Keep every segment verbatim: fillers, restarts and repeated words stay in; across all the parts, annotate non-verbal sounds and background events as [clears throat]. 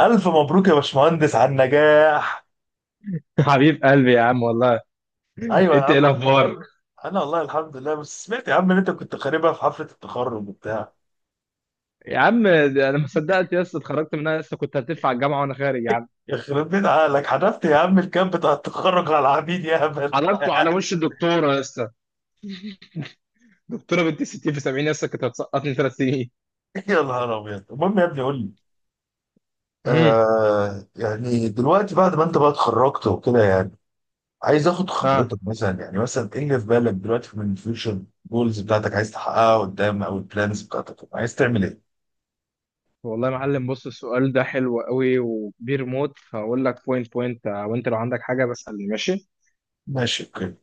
ألف مبروك يا باشمهندس على النجاح. حبيب قلبي يا عم والله. أيوة يا انت عم. ايه الاخبار أنا والله الحمد لله، بس سمعت يا عم إن أنت كنت خاربها في حفلة التخرج وبتاع. يا عم؟ ده انا ما صدقت يا اسطى، اتخرجت منها لسه، كنت هتدفع الجامعه وانا خارج يا عم. يخرب بيت عقلك، حذفت يا عم الكامب بتاع التخرج على العبيد يا هبل. حضرته على وش الدكتوره يا اسطى. دكتوره بنت ستين في سبعين يا اسطى، كانت هتسقطني ثلاث سنين. [laughs] يا نهار أبيض. المهم يا ابني قول لي، امم. آه يعني دلوقتي بعد ما أنت بقى اتخرجت وكده، يعني عايز آخد خبرتك ها. مثلا، يعني مثلا إيه اللي في بالك دلوقتي من الفيوتشر جولز بتاعتك عايز تحققها قدام، أو البلانز بتاعتك عايز تعمل إيه؟ والله يا معلم، بص، السؤال ده حلو قوي وكبير موت، فاقول لك بوينت بوينت، وانت لو عندك حاجه بسألني، ماشي. ماشي، أوكي.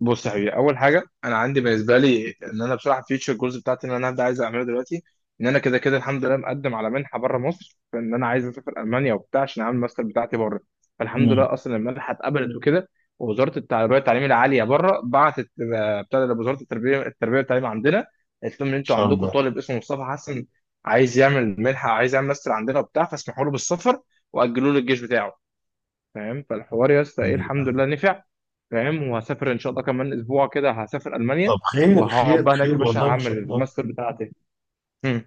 بص يا حبيبي، اول حاجه انا عندي بالنسبه لي ان انا بصراحه فيوتشر جولز بتاعتي ان انا هبدا عايز اعملها دلوقتي. ان انا كده كده الحمد لله مقدم على منحه بره مصر، فان انا عايز اسافر المانيا وبتاع عشان اعمل الماستر بتاعتي بره. مم، فالحمد إن لله اصلا المنحه اتقبلت وكده. ووزاره التربيه والتعليم العاليه بره بعتت، آه، بتاع ده وزاره التربيه التربيه والتعليم عندنا، قالت لهم ان انتوا شاء عندكم طالب اسمه مصطفى حسن، عايز يعمل منحه، عايز يعمل ماستر عندنا وبتاع، فاسمحوا له بالسفر، واجلوا له الجيش بتاعه. فاهم، فالحوار يا اسطى ايه؟ الحمد الله. لله نفع. فاهم، وهسافر ان شاء الله كمان اسبوع كده هسافر المانيا. طب خير وهقعد خير بقى هناك خير، يا باشا والله ان هعمل شاء الله. الماستر بتاعتي. مم.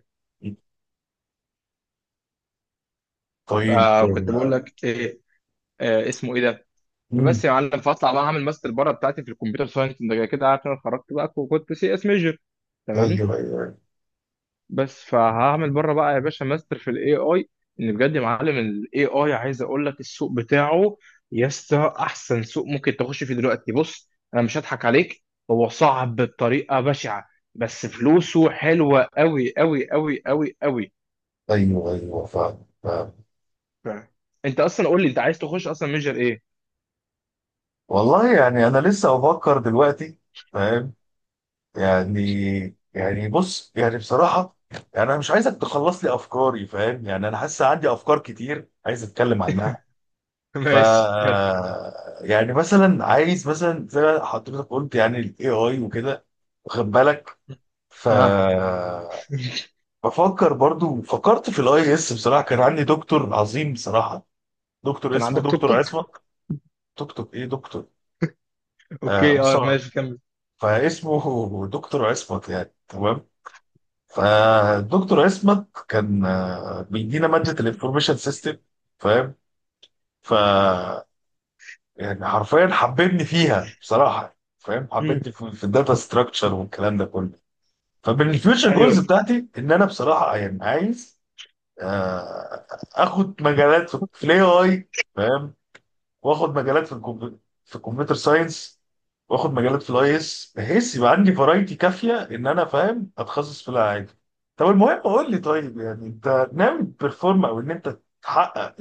طيب. فكنت بقول لك ايه؟ آه اسمه ايه ده؟ مم. فبس يا معلم، فاطلع بقى اعمل ماستر بره بتاعتي في الكمبيوتر ساينس، انت كده عارف إن انا اتخرجت بقى وكنت سي اس ميجر. تمام. ايوه ايوه بس فهعمل بره بقى يا باشا ماستر في الاي اي. ان بجد يا معلم الاي اي عايز اقول لك، السوق بتاعه يا اسطى احسن سوق ممكن تخش فيه دلوقتي. بص انا مش هضحك عليك، هو صعب بطريقه بشعه، بس فلوسه حلوه قوي قوي قوي قوي قوي. ايوه ايوه، فاهم فاهم. انت اصلا قول لي انت عايز تخش اصلا ميجر ايه؟ والله يعني انا لسه بفكر دلوقتي. فاهم يعني. يعني بص، يعني بصراحه يعني انا مش عايزك تخلص لي افكاري، فاهم؟ يعني انا حاسس عندي افكار كتير عايز اتكلم عنها. [laughs] ف ماشي كان. يعني مثلا عايز، مثلا زي ما حضرتك قلت يعني الاي اي وكده، واخد بالك؟ ف ها. [laughs] بفكر برضو، فكرت في الاي اس. بصراحه كان عندي دكتور عظيم بصراحه، دكتور كان اسمه عندك توك دكتور توك؟ عصمت. دكتور ايه دكتور؟ آه اوكي، اه، مصطفى. ماشي كمل. فاسمه دكتور عصمت يعني تمام. فالدكتور عصمت كان آه، بيدينا ماده الانفورميشن سيستم، فاهم؟ ف يعني حرفيا حببني فيها بصراحه، فاهم؟ مم. حببني في, في الداتا ستراكشر والكلام ده كله. فمن الفيوتشر جولز ايوه. بتاعتي ان انا بصراحه يعني عايز آه، اخد مجالات في في الاي اي، فاهم؟ واخد مجالات في الكمبيوتر، في الكمبيوتر ساينس، واخد مجالات في الاي اس، بحيث يبقى عندي فرايتي كافيه ان انا، فاهم، اتخصص في العادي. طب المهم قول لي، طيب يعني انت ناوي تبرفورم او ان انت تحقق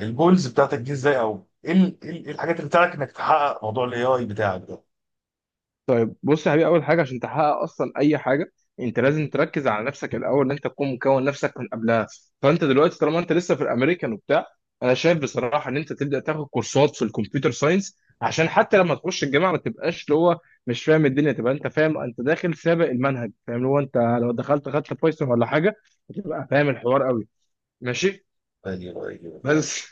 الجولز بتاعتك دي ازاي؟ او ايه ال- إيه ال- إيه الحاجات اللي بتاعتك انك تحقق موضوع الاي اي بتاعك ده؟ طيب بص يا حبيبي، اول حاجه عشان تحقق اصلا اي حاجه، انت لازم [laughs] تركز على نفسك الاول، ان انت تكون مكون نفسك من قبلها. فانت دلوقتي طالما انت لسه في الامريكان وبتاع، انا شايف بصراحه ان انت تبدا تاخد كورسات في الكمبيوتر ساينس، عشان حتى لما تخش الجامعه ما تبقاش اللي هو مش فاهم الدنيا، تبقى انت فاهم انت داخل سابق المنهج. فاهم؟ اللي هو انت لو دخلت خدت بايثون ولا حاجه هتبقى فاهم الحوار قوي. ماشي. أيوة، أيوة. آه. بس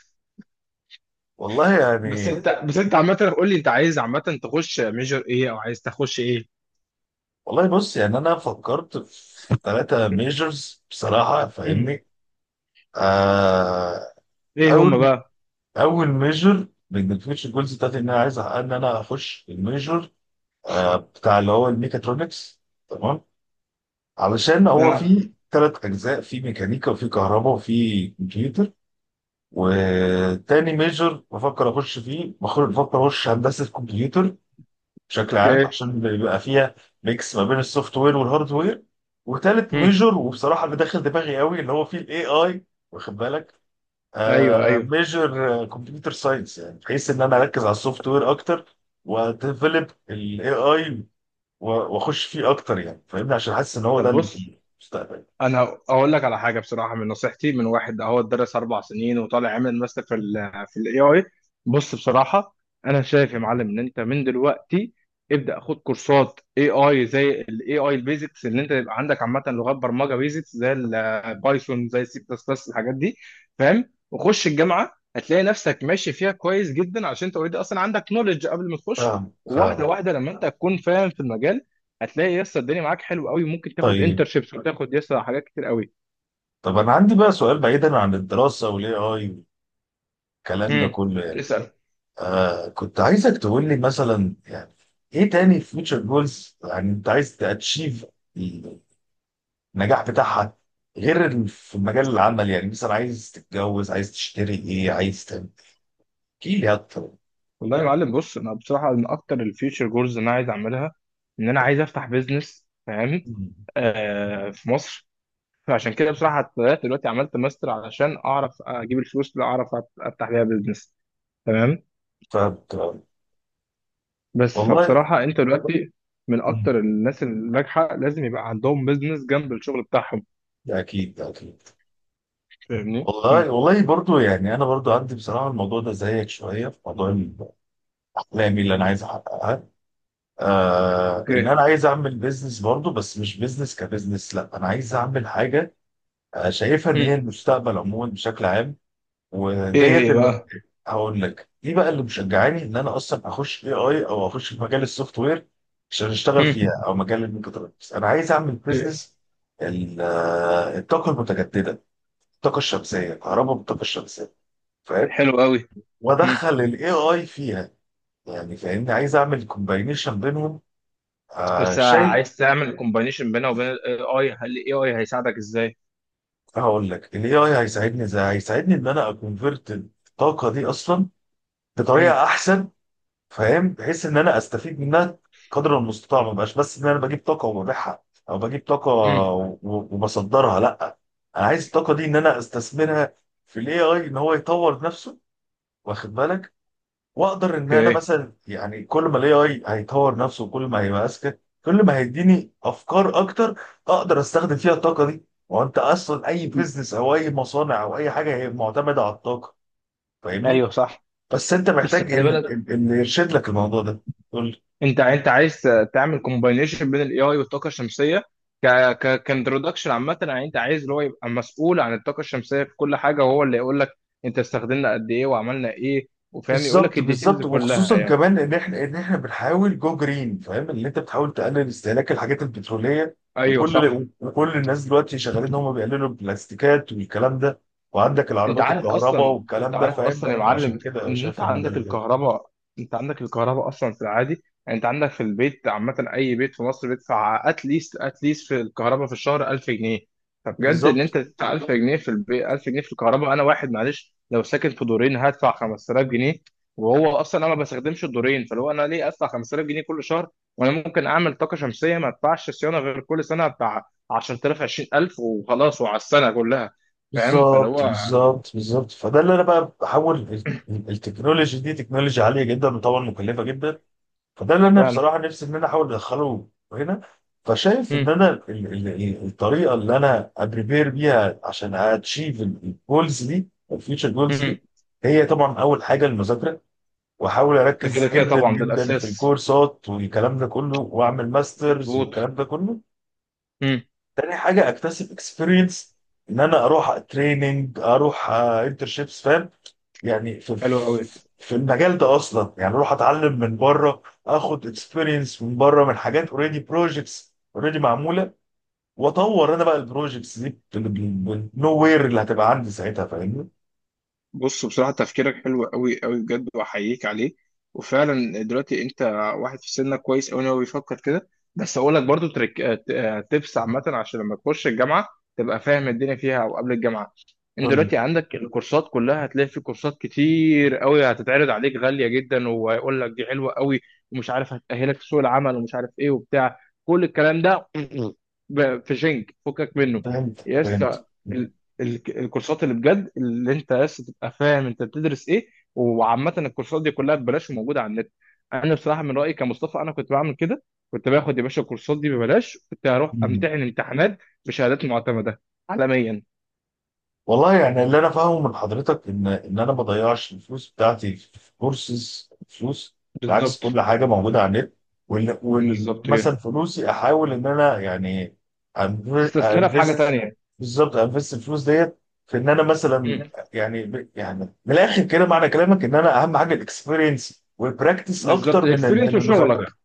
والله بس يعني. انت بس انت عامه قول لي انت عايز عامه تخش ميجر ايه او عايز تخش ايه؟ والله بص، يعني انا فكرت في ثلاثة [laughs] ميجرز بصراحة، مم. فاهمني؟ آه. ايه هم؟ اول، اول ميجر من الفيوتشر جولز بتاعتي ان انا عايز أحقق ان انا اخش الميجر آه بتاع اللي هو الميكاترونكس، تمام؟ علشان هو بقى. فيه ثلاث اجزاء، فيه ميكانيكا وفيه كهرباء وفيه كمبيوتر. وتاني ميجر بفكر اخش فيه، بخ- بفكر اخش هندسة كمبيوتر بشكل عام، اوكي. عشان بيبقى فيها ميكس ما بين السوفت وير والهارد وير. وتالت مم. ميجور، وبصراحه اللي داخل دماغي قوي، اللي هو فيه الاي اي، واخد بالك؟ ايوه آه، ايوه. ميجور كمبيوتر ساينس، يعني بحيث ان انا اركز على السوفت وير اكتر، واديفلوب الاي اي واخش فيه اكتر يعني، فاهمني؟ عشان حاسس ان هو ده طب بص، المستقبل. انا اقول لك على حاجه بصراحه، من نصيحتي من واحد اهو درس اربع سنين وطالع عامل ماستر في ال في الاي اي. بص بصراحه، انا شايف يا معلم ان انت من دلوقتي ابدا خد كورسات اي اي زي الاي اي البيزكس، اللي انت يبقى عندك عامه لغات برمجه بيزكس زي البايثون زي السي بلس بلس الحاجات دي، فاهم؟ وخش الجامعه هتلاقي نفسك ماشي فيها كويس جدا، عشان انت اوريدي اصلا عندك نولج قبل ما تخش، فاهم واحده فاهم. واحده لما انت تكون فاهم في المجال هتلاقي يسا الدنيا معاك حلو قوي، ممكن تاخد طيب. انترشيبس وتاخد يسا حاجات كتير قوي. طب انا عندي بقى سؤال بعيدا عن الدراسه والاي اي والكلام ده امم. كله يعني. اسال. آه، كنت عايزك تقول لي مثلا يعني، ايه تاني فيوتشر جولز يعني انت عايز تاتشيف النجاح بتاعها؟ غير ال- في مجال العمل، يعني مثلا عايز تتجوز، عايز تشتري ايه، عايز تعمل، احكي لي اكتر. والله يا معلم بص، انا بصراحه من اكتر الفيوتشر جولز اللي انا عايز اعملها ان انا عايز افتح بيزنس، فاهم؟ مم. آه، في مصر. فعشان كده بصراحه بدات دلوقتي عملت ماستر علشان اعرف اجيب الفلوس اللي اعرف أت- افتح بيها بيزنس. تمام. ف بس والله. فبصراحه انت دلوقتي من مم. اكتر الناس الناجحه لازم يبقى عندهم بيزنس جنب الشغل بتاعهم. ده اكيد ده اكيد. فاهمني؟ والله مم. والله، برضو يعني انا برضو عندي بصراحه الموضوع ده زيك شويه. في موضوع احلامي اللي انا عايز احققها، آه، ان اوكي. انا عايز اعمل بيزنس برضو، بس مش بيزنس كبيزنس، لا، انا عايز اعمل حاجه آه، شايفها ان هي امم. المستقبل عموما بشكل عام. ايه وديت هي ال... بقى؟ هقول لك. دي بقى اللي مشجعاني ان انا اصلا اخش اي اي، او اخش في مجال السوفت وير عشان اشتغل امم. فيها، او مجال الميكاترونكس. انا عايز اعمل بزنس الطاقه المتجدده، الطاقه الشمسيه، الكهرباء بالطاقه الشمسيه، فاهم؟ حلو قوي. مم. وادخل الاي اي فيها، يعني فاهمني؟ عايز اعمل كومباينيشن بينهم. آه بس شيء. عايز تعمل كومبانيشن بينها وبين الاي اي، هل الاي اي هيساعدك ازاي؟ هقول لك الاي اي هيساعدني ازاي. هيساعدني ان انا اكونفرت الطاقه دي اصلا مم. بطريقه احسن، فاهم؟ بحيث ان انا استفيد منها قدر المستطاع، ما بقاش بس ان انا بجيب طاقه وببيعها، او بجيب طاقه مم. و- وبصدرها، لا. انا عايز الطاقه دي ان انا استثمرها في الاي اي، ان هو يطور نفسه، واخد بالك؟ واقدر ان انا اوكي. مثلا يعني كل ما الاي اي هيطور نفسه وكل ما هيبقى اذكى، كل ما هيديني افكار اكتر، اقدر استخدم فيها الطاقه دي. وانت اصلا اي بيزنس او اي مصانع او اي حاجه هي معتمده على الطاقه، ايوه فاهمني؟ صح. بس انت بس محتاج خلي ال- بالك، ال- اللي يرشد لك الموضوع ده. انت انت عايز تعمل كومباينيشن بين الاي اي والطاقه الشمسيه، ك ك كانترودكشن عامه، يعني انت عايز اللي هو يبقى مسؤول عن الطاقه الشمسيه في كل حاجه، وهو اللي يقول لك انت استخدمنا قد ايه وعملنا ايه، وفاهم، يقول لك بالظبط الديتيلز بالظبط. كلها وخصوصا يعني. كمان ان احنا ان احنا بنحاول جو جرين، فاهم؟ ان انت بتحاول تقلل استهلاك الحاجات البتروليه. ايوه صح. وكل وكل الناس دلوقتي شغالين ان هم بيقللوا البلاستيكات والكلام ده، وعندك انت العربيات عارف الكهرباء اصلا انت والكلام ده، عارف فاهم؟ اصلا يا فعشان معلم كده انا ان انت شايف ان ده عندك اللي جاي. الكهرباء. انت عندك الكهرباء اصلا في العادي، يعني انت عندك في البيت، عامه اي بيت في مصر بيدفع اتليست اتليست في الكهرباء في الشهر ألف جنيه. فبجد ان انت بالظبط تدفع ألف جنيه في البيت، ألف جنيه في الكهرباء. انا واحد معلش لو ساكن في دورين هدفع خمسة آلاف جنيه. وهو اصلا انا ما بستخدمش الدورين، فلو انا ليه ادفع خمسة آلاف جنيه كل شهر؟ وانا ممكن اعمل طاقه شمسيه ما ادفعش صيانه غير كل سنه بتاع عشرة آلاف عشرين ألف وخلاص، وعلى السنه كلها. فاهم، فاللي بالظبط هو بالظبط بالظبط. فده اللي انا بقى بحاول ال- ال- التكنولوجي دي تكنولوجيا عاليه جدا وطبعا مكلفه جدا. فده اللي انا فعلا. بصراحه نفسي ان انا احاول ادخله هنا. فشايف ان مم. انا ال- ال- ال- الطريقه اللي انا ابريبير بيها عشان اتشيف الجولز دي، الفيوتشر جولز دي، مم. هي طبعا اول حاجه المذاكره، واحاول ده كده اركز كده جدا طبعا ده جدا في الاساس، الكورسات والكلام ده كله، واعمل ماسترز مظبوط. والكلام ده كله. مم. تاني حاجه اكتسب اكسبيرينس، ان انا اروح تريننج، اروح انترشيبس، فاهم؟ يعني في، حلو قوي. في المجال ده اصلا، يعني اروح اتعلم من بره، اخد اكسبيرينس من بره، من حاجات اوريدي بروجكتس اوريدي معموله، واطور انا بقى البروجكتس دي بالنو وير اللي هتبقى عندي ساعتها، فاهمني؟ بص بصراحة، تفكيرك حلو قوي قوي بجد وأحييك عليه. وفعلا دلوقتي أنت واحد في سنك كويس قوي إن هو بيفكر كده. بس أقول لك برضو تريك، آه، ت- آه، تبس عامة عشان لما تخش الجامعة تبقى فاهم الدنيا فيها، أو قبل الجامعة. أنت قول لي. دلوقتي عندك الكورسات كلها، هتلاقي في كورسات كتير قوي هتتعرض عليك غالية جدا ويقول لك دي حلوة قوي ومش عارف هتأهلك في سوق العمل ومش عارف إيه وبتاع، كل الكلام ده [clears throat] ب- في شنك فكك منه فهمت يا فهمت. اسطى. ال- الكورسات اللي بجد اللي انت بس تبقى فاهم انت بتدرس ايه، وعامه الكورسات دي كلها ببلاش وموجوده على النت. انا بصراحه من رايي كمصطفى، انا كنت بعمل كده، كنت باخد يا باشا الكورسات دي ببلاش، كنت هروح امتحن امتحانات بشهادات معتمده عالميا. والله يعني اللي انا فاهمه من حضرتك ان ان انا ما بضيعش الفلوس بتاعتي في كورسز فلوس. بالعكس، بالظبط. كل حاجه موجوده على النت وال- بالظبط ومثلا كده. فلوسي احاول ان انا يعني تستثمرها في حاجه انفست. تانيه. بالظبط، انفست الفلوس ديت في ان انا مثلا مم. يعني، ب- يعني من الاخر كده معنى كلامك ان انا اهم حاجه الاكسبيرينس والبراكتس اكتر بالظبط، من ال- الاكسبيرينس من المذاكره. وشغلك.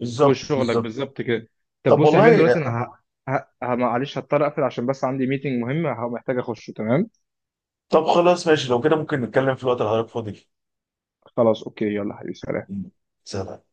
بالظبط وشغلك بالظبط. بالظبط كده. طب طب بص يا حبيبي والله. دلوقتي انا ه... ه... ه- معلش هضطر اقفل عشان بس عندي ميتنج مهم، محتاج اخشه. تمام. طب خلاص ماشي، لو كده ممكن نتكلم في الوقت اللي حضرتك فاضي فيه. خلاص اوكي، يلا حبيبي، سلام. سلام.